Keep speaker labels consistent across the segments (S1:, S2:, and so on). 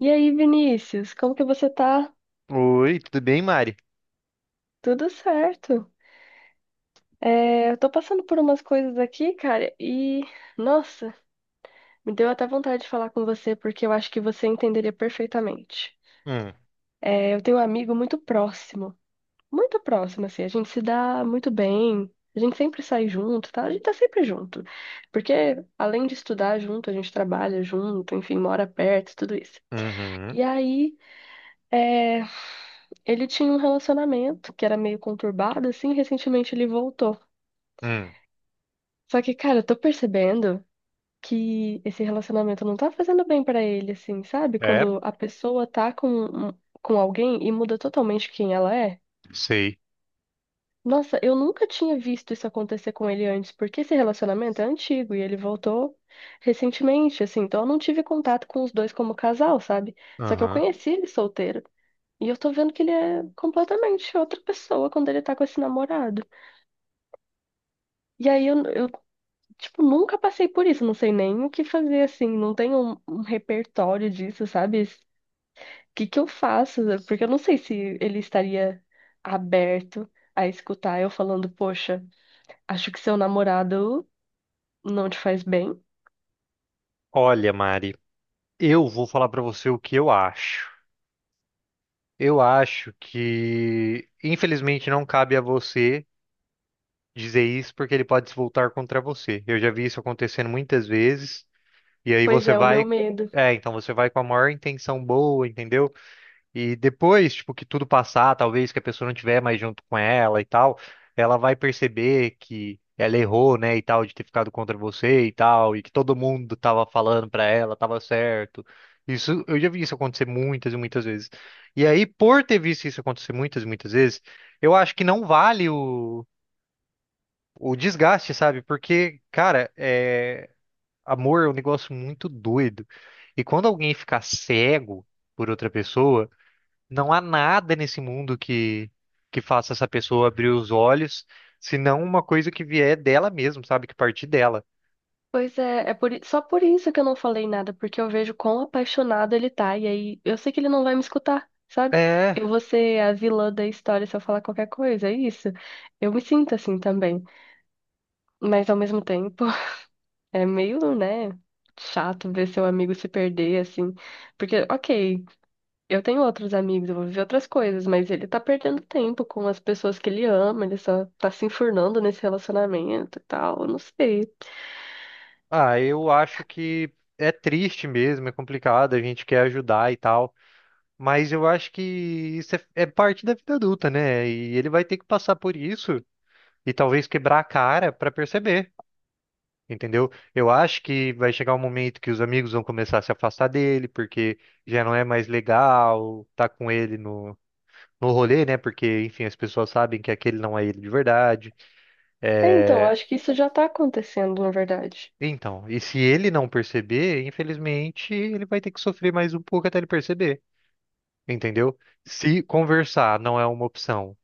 S1: E aí, Vinícius, como que você tá?
S2: Oi, tudo bem, Mari?
S1: Tudo certo. É, eu tô passando por umas coisas aqui, cara, e nossa, me deu até vontade de falar com você porque eu acho que você entenderia perfeitamente.
S2: Hum,
S1: É, eu tenho um amigo muito próximo, assim, a gente se dá muito bem, a gente sempre sai junto, tá? A gente tá sempre junto, porque além de estudar junto, a gente trabalha junto, enfim, mora perto, tudo isso.
S2: uhum,
S1: E aí, é, ele tinha um relacionamento que era meio conturbado, assim, e recentemente ele voltou.
S2: hum,
S1: Só que, cara, eu tô percebendo que esse relacionamento não tá fazendo bem pra ele, assim, sabe?
S2: é,
S1: Quando a pessoa tá com alguém e muda totalmente quem ela é.
S2: sei.
S1: Nossa, eu nunca tinha visto isso acontecer com ele antes, porque esse relacionamento é antigo e ele voltou recentemente, assim, então eu não tive contato com os dois como casal, sabe? Só que eu
S2: Aham.
S1: conheci ele solteiro. E eu tô vendo que ele é completamente outra pessoa quando ele tá com esse namorado. E aí tipo, nunca passei por isso, não sei nem o que fazer, assim, não tenho um repertório disso, sabe? O que que eu faço? Porque eu não sei se ele estaria aberto a escutar eu falando, poxa, acho que seu namorado não te faz bem.
S2: Olha, Mari, eu vou falar pra você o que eu acho. Eu acho que, infelizmente, não cabe a você dizer isso porque ele pode se voltar contra você. Eu já vi isso acontecendo muitas vezes, e aí
S1: Pois
S2: você
S1: é, o meu
S2: vai.
S1: medo.
S2: É, então você vai com a maior intenção boa, entendeu? E depois, tipo, que tudo passar, talvez que a pessoa não tiver mais junto com ela e tal, ela vai perceber que ela errou, né, e tal, de ter ficado contra você e tal, e que todo mundo tava falando pra ela, tava certo. Isso, eu já vi isso acontecer muitas e muitas vezes. E aí, por ter visto isso acontecer muitas e muitas vezes, eu acho que não vale o desgaste, sabe? Porque, cara, é, amor é um negócio muito doido. E quando alguém ficar cego por outra pessoa, não há nada nesse mundo que faça essa pessoa abrir os olhos, senão uma coisa que vier dela mesmo, sabe? Que partir dela.
S1: Pois é, só por isso que eu não falei nada, porque eu vejo quão apaixonado ele tá, e aí eu sei que ele não vai me escutar, sabe?
S2: É,
S1: Eu vou ser a vilã da história se eu falar qualquer coisa, é isso. Eu me sinto assim também. Mas ao mesmo tempo, é meio, né, chato ver seu amigo se perder, assim. Porque, ok, eu tenho outros amigos, eu vou viver outras coisas, mas ele tá perdendo tempo com as pessoas que ele ama, ele só tá se enfurnando nesse relacionamento e tal, eu não sei.
S2: ah, eu acho que é triste mesmo, é complicado, a gente quer ajudar e tal, mas eu acho que isso é parte da vida adulta, né? E ele vai ter que passar por isso e talvez quebrar a cara pra perceber, entendeu? Eu acho que vai chegar um momento que os amigos vão começar a se afastar dele, porque já não é mais legal tá com ele no rolê, né? Porque, enfim, as pessoas sabem que aquele não é ele de verdade.
S1: É, então, eu
S2: É,
S1: acho que isso já tá acontecendo, na verdade.
S2: então, e se ele não perceber, infelizmente, ele vai ter que sofrer mais um pouco até ele perceber, entendeu? Se conversar não é uma opção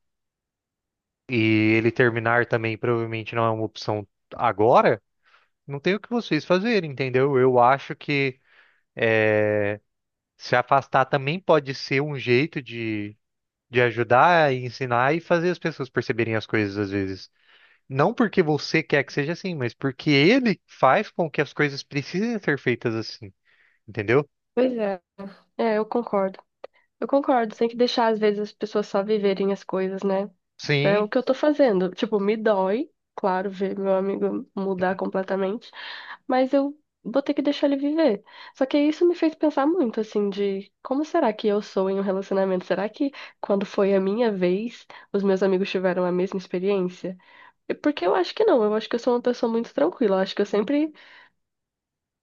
S2: e ele terminar também provavelmente não é uma opção agora, não tem o que vocês fazerem, entendeu? Eu acho que é, se afastar também pode ser um jeito de ajudar, ensinar e fazer as pessoas perceberem as coisas às vezes. Não porque você quer que seja assim, mas porque ele faz com que as coisas precisem ser feitas assim, entendeu?
S1: Pois é. É, eu concordo. Eu concordo, tem que deixar, às vezes, as pessoas só viverem as coisas, né? É
S2: Sim,
S1: o que eu tô fazendo. Tipo, me dói, claro, ver meu amigo mudar completamente, mas eu vou ter que deixar ele viver. Só que isso me fez pensar muito, assim, de como será que eu sou em um relacionamento? Será que quando foi a minha vez, os meus amigos tiveram a mesma experiência? E porque eu acho que não, eu acho que eu sou uma pessoa muito tranquila. Eu acho que eu sempre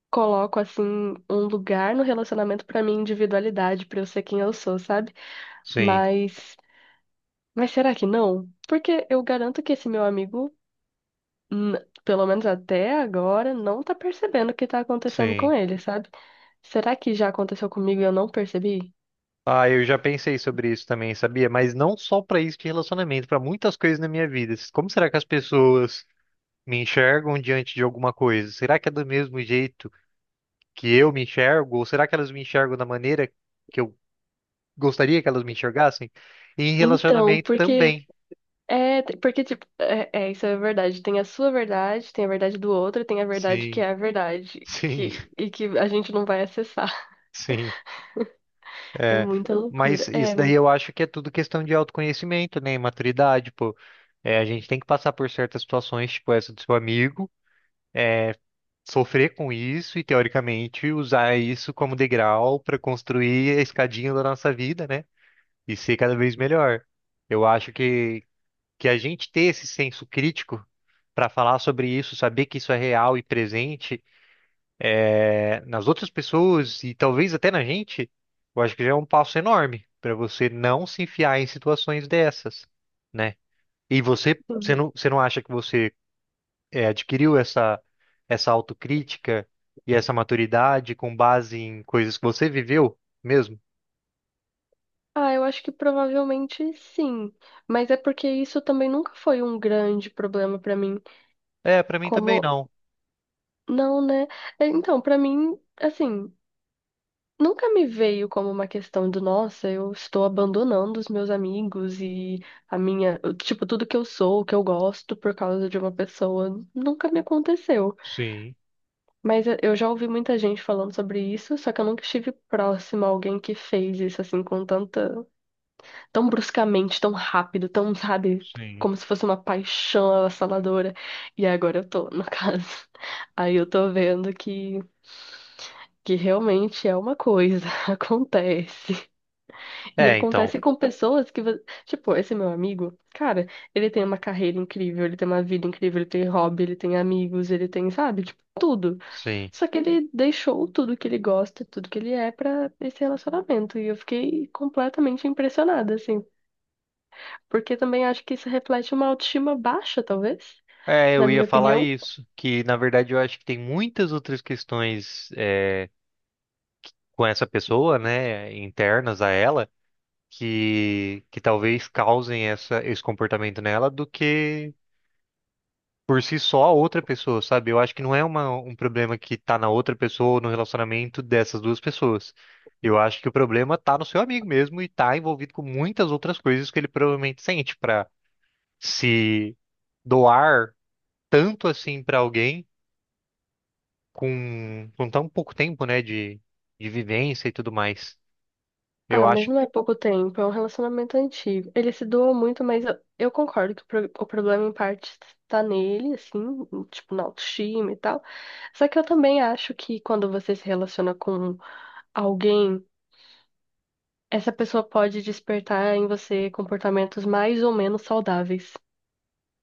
S1: coloco, assim, um lugar no relacionamento pra minha individualidade, pra eu ser quem eu sou, sabe?
S2: sim,
S1: Mas, mas será que não? Porque eu garanto que esse meu amigo, pelo menos até agora, não tá percebendo o que tá acontecendo com
S2: sim.
S1: ele, sabe? Será que já aconteceu comigo e eu não percebi?
S2: Ah, eu já pensei sobre isso também, sabia? Mas não só pra isso de relacionamento, pra muitas coisas na minha vida. Como será que as pessoas me enxergam diante de alguma coisa? Será que é do mesmo jeito que eu me enxergo? Ou será que elas me enxergam da maneira que eu gostaria que elas me enxergassem? E em
S1: Então,
S2: relacionamento
S1: porque
S2: também.
S1: é, porque tipo, isso é verdade. Tem a sua verdade, tem a verdade do outro, tem a verdade que
S2: Sim,
S1: é a verdade,
S2: sim,
S1: que a gente não vai acessar.
S2: sim.
S1: É
S2: É,
S1: muita
S2: mas
S1: loucura.
S2: isso
S1: É.
S2: daí eu acho que é tudo questão de autoconhecimento, né? E maturidade, pô. É, a gente tem que passar por certas situações, tipo essa do seu amigo, sofrer com isso e, teoricamente, usar isso como degrau para construir a escadinha da nossa vida, né? E ser cada vez melhor. Eu acho que a gente ter esse senso crítico para falar sobre isso, saber que isso é real e presente nas outras pessoas e talvez até na gente, eu acho que já é um passo enorme para você não se enfiar em situações dessas, né? E você, você não acha que você é, adquiriu essa autocrítica e essa maturidade com base em coisas que você viveu mesmo?
S1: Ah, eu acho que provavelmente sim, mas é porque isso também nunca foi um grande problema pra mim.
S2: É, para mim também
S1: Como
S2: não.
S1: não, né? É, então, pra mim, assim, nunca me veio como uma questão de, nossa, eu estou abandonando os meus amigos e a minha, tipo, tudo que eu sou, o que eu gosto por causa de uma pessoa. Nunca me aconteceu.
S2: Sim,
S1: Mas eu já ouvi muita gente falando sobre isso, só que eu nunca estive próxima a alguém que fez isso assim com tanta, tão bruscamente, tão rápido, tão, sabe,
S2: sim.
S1: como se fosse uma paixão avassaladora. E agora eu tô, no caso. Aí eu tô vendo que realmente é uma coisa, acontece. E
S2: É, então,
S1: acontece com pessoas tipo, esse meu amigo, cara, ele tem uma carreira incrível, ele tem uma vida incrível, ele tem hobby, ele tem amigos, ele tem, sabe, tipo, tudo.
S2: sim.
S1: Só que ele deixou tudo que ele gosta, tudo que ele é pra esse relacionamento. E eu fiquei completamente impressionada, assim. Porque também acho que isso reflete uma autoestima baixa, talvez,
S2: É,
S1: na
S2: eu ia
S1: minha
S2: falar
S1: opinião.
S2: isso, que na verdade eu acho que tem muitas outras questões é, com essa pessoa, né, internas a ela, que talvez causem essa, esse comportamento nela do que por si só a outra pessoa, sabe? Eu acho que não é uma, um problema que tá na outra pessoa ou no relacionamento dessas duas pessoas. Eu acho que o problema tá no seu amigo mesmo e tá envolvido com muitas outras coisas que ele provavelmente sente pra se doar tanto assim pra alguém com tão pouco tempo, né, de vivência e tudo mais. Eu
S1: Ah, mas
S2: acho.
S1: não é pouco tempo, é um relacionamento antigo. Ele se doa muito, mas eu concordo que o problema em parte tá nele, assim, tipo, na autoestima e tal. Só que eu também acho que quando você se relaciona com alguém, essa pessoa pode despertar em você comportamentos mais ou menos saudáveis.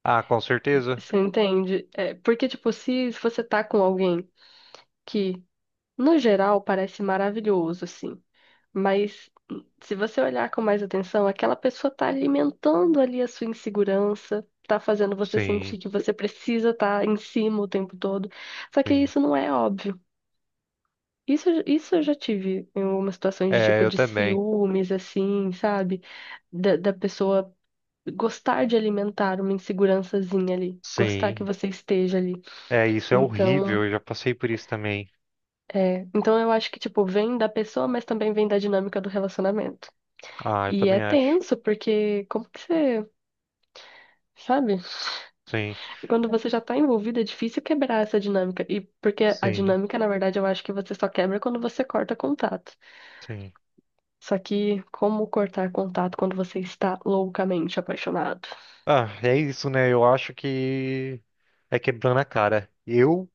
S2: Ah, com certeza.
S1: Você entende? É, porque, tipo, se você tá com alguém que, no geral, parece maravilhoso, assim. Mas se você olhar com mais atenção, aquela pessoa tá alimentando ali a sua insegurança, tá fazendo você
S2: Sim,
S1: sentir que você precisa estar em cima o tempo todo. Só que
S2: sim.
S1: isso não é óbvio. Isso eu já tive em algumas situações de
S2: É,
S1: tipo
S2: eu
S1: de
S2: também.
S1: ciúmes, assim, sabe? Da pessoa gostar de alimentar uma insegurançazinha ali, gostar que
S2: Sim.
S1: você esteja ali.
S2: É, isso é
S1: Então,
S2: horrível, eu já passei por isso também.
S1: é, então eu acho que, tipo, vem da pessoa, mas também vem da dinâmica do relacionamento.
S2: Ah, eu
S1: E é
S2: também acho.
S1: tenso, porque como que você, sabe?
S2: Sim,
S1: Quando você já tá envolvido, é difícil quebrar essa dinâmica. E porque a
S2: sim,
S1: dinâmica, na verdade, eu acho que você só quebra quando você corta contato.
S2: sim.
S1: Só que como cortar contato quando você está loucamente apaixonado?
S2: Ah, é isso, né? Eu acho que é quebrando a cara. Eu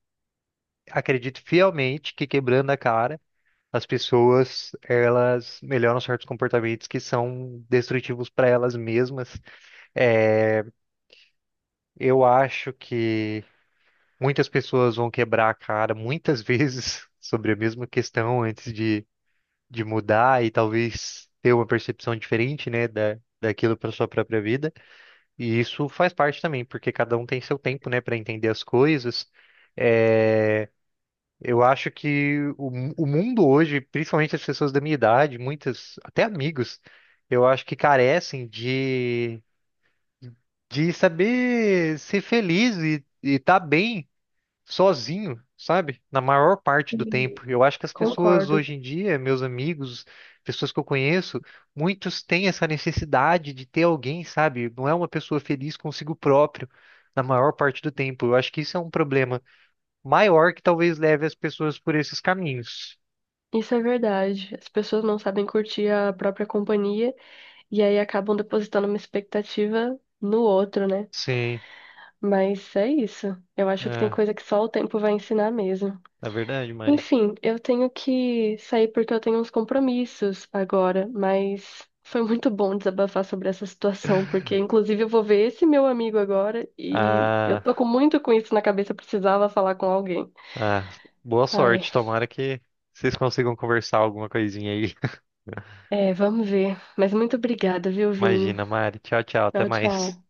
S2: acredito fielmente que quebrando a cara, as pessoas, elas melhoram certos comportamentos que são destrutivos para elas mesmas. É, eu acho que muitas pessoas vão quebrar a cara muitas vezes sobre a mesma questão antes de mudar e talvez ter uma percepção diferente, né, da, daquilo para sua própria vida. E isso faz parte também, porque cada um tem seu tempo, né, para entender as coisas. É, eu acho que o, mu- o mundo hoje, principalmente as pessoas da minha idade, muitas, até amigos, eu acho que carecem de saber ser feliz e estar bem sozinho, sabe? Na maior parte do
S1: Sim.
S2: tempo. Eu acho que as pessoas
S1: Concordo.
S2: hoje em dia, meus amigos, pessoas que eu conheço, muitos têm essa necessidade de ter alguém, sabe? Não é uma pessoa feliz consigo próprio na maior parte do tempo. Eu acho que isso é um problema maior que talvez leve as pessoas por esses caminhos.
S1: Isso é verdade. As pessoas não sabem curtir a própria companhia e aí acabam depositando uma expectativa no outro, né?
S2: Sim,
S1: Mas é isso. Eu acho que tem
S2: é,
S1: coisa que só o tempo vai ensinar mesmo.
S2: é verdade, Mari.
S1: Enfim, eu tenho que sair porque eu tenho uns compromissos agora, mas foi muito bom desabafar sobre essa situação, porque inclusive eu vou ver esse meu amigo agora e eu
S2: Ah,
S1: tô com muito com isso na cabeça, eu precisava falar com alguém.
S2: ah, boa
S1: Ai,
S2: sorte, tomara que vocês consigam conversar alguma coisinha aí.
S1: é, vamos ver. Mas muito obrigada, viu, Vini?
S2: Imagina, Mari. Tchau, tchau, até
S1: Tchau,
S2: mais.
S1: tchau.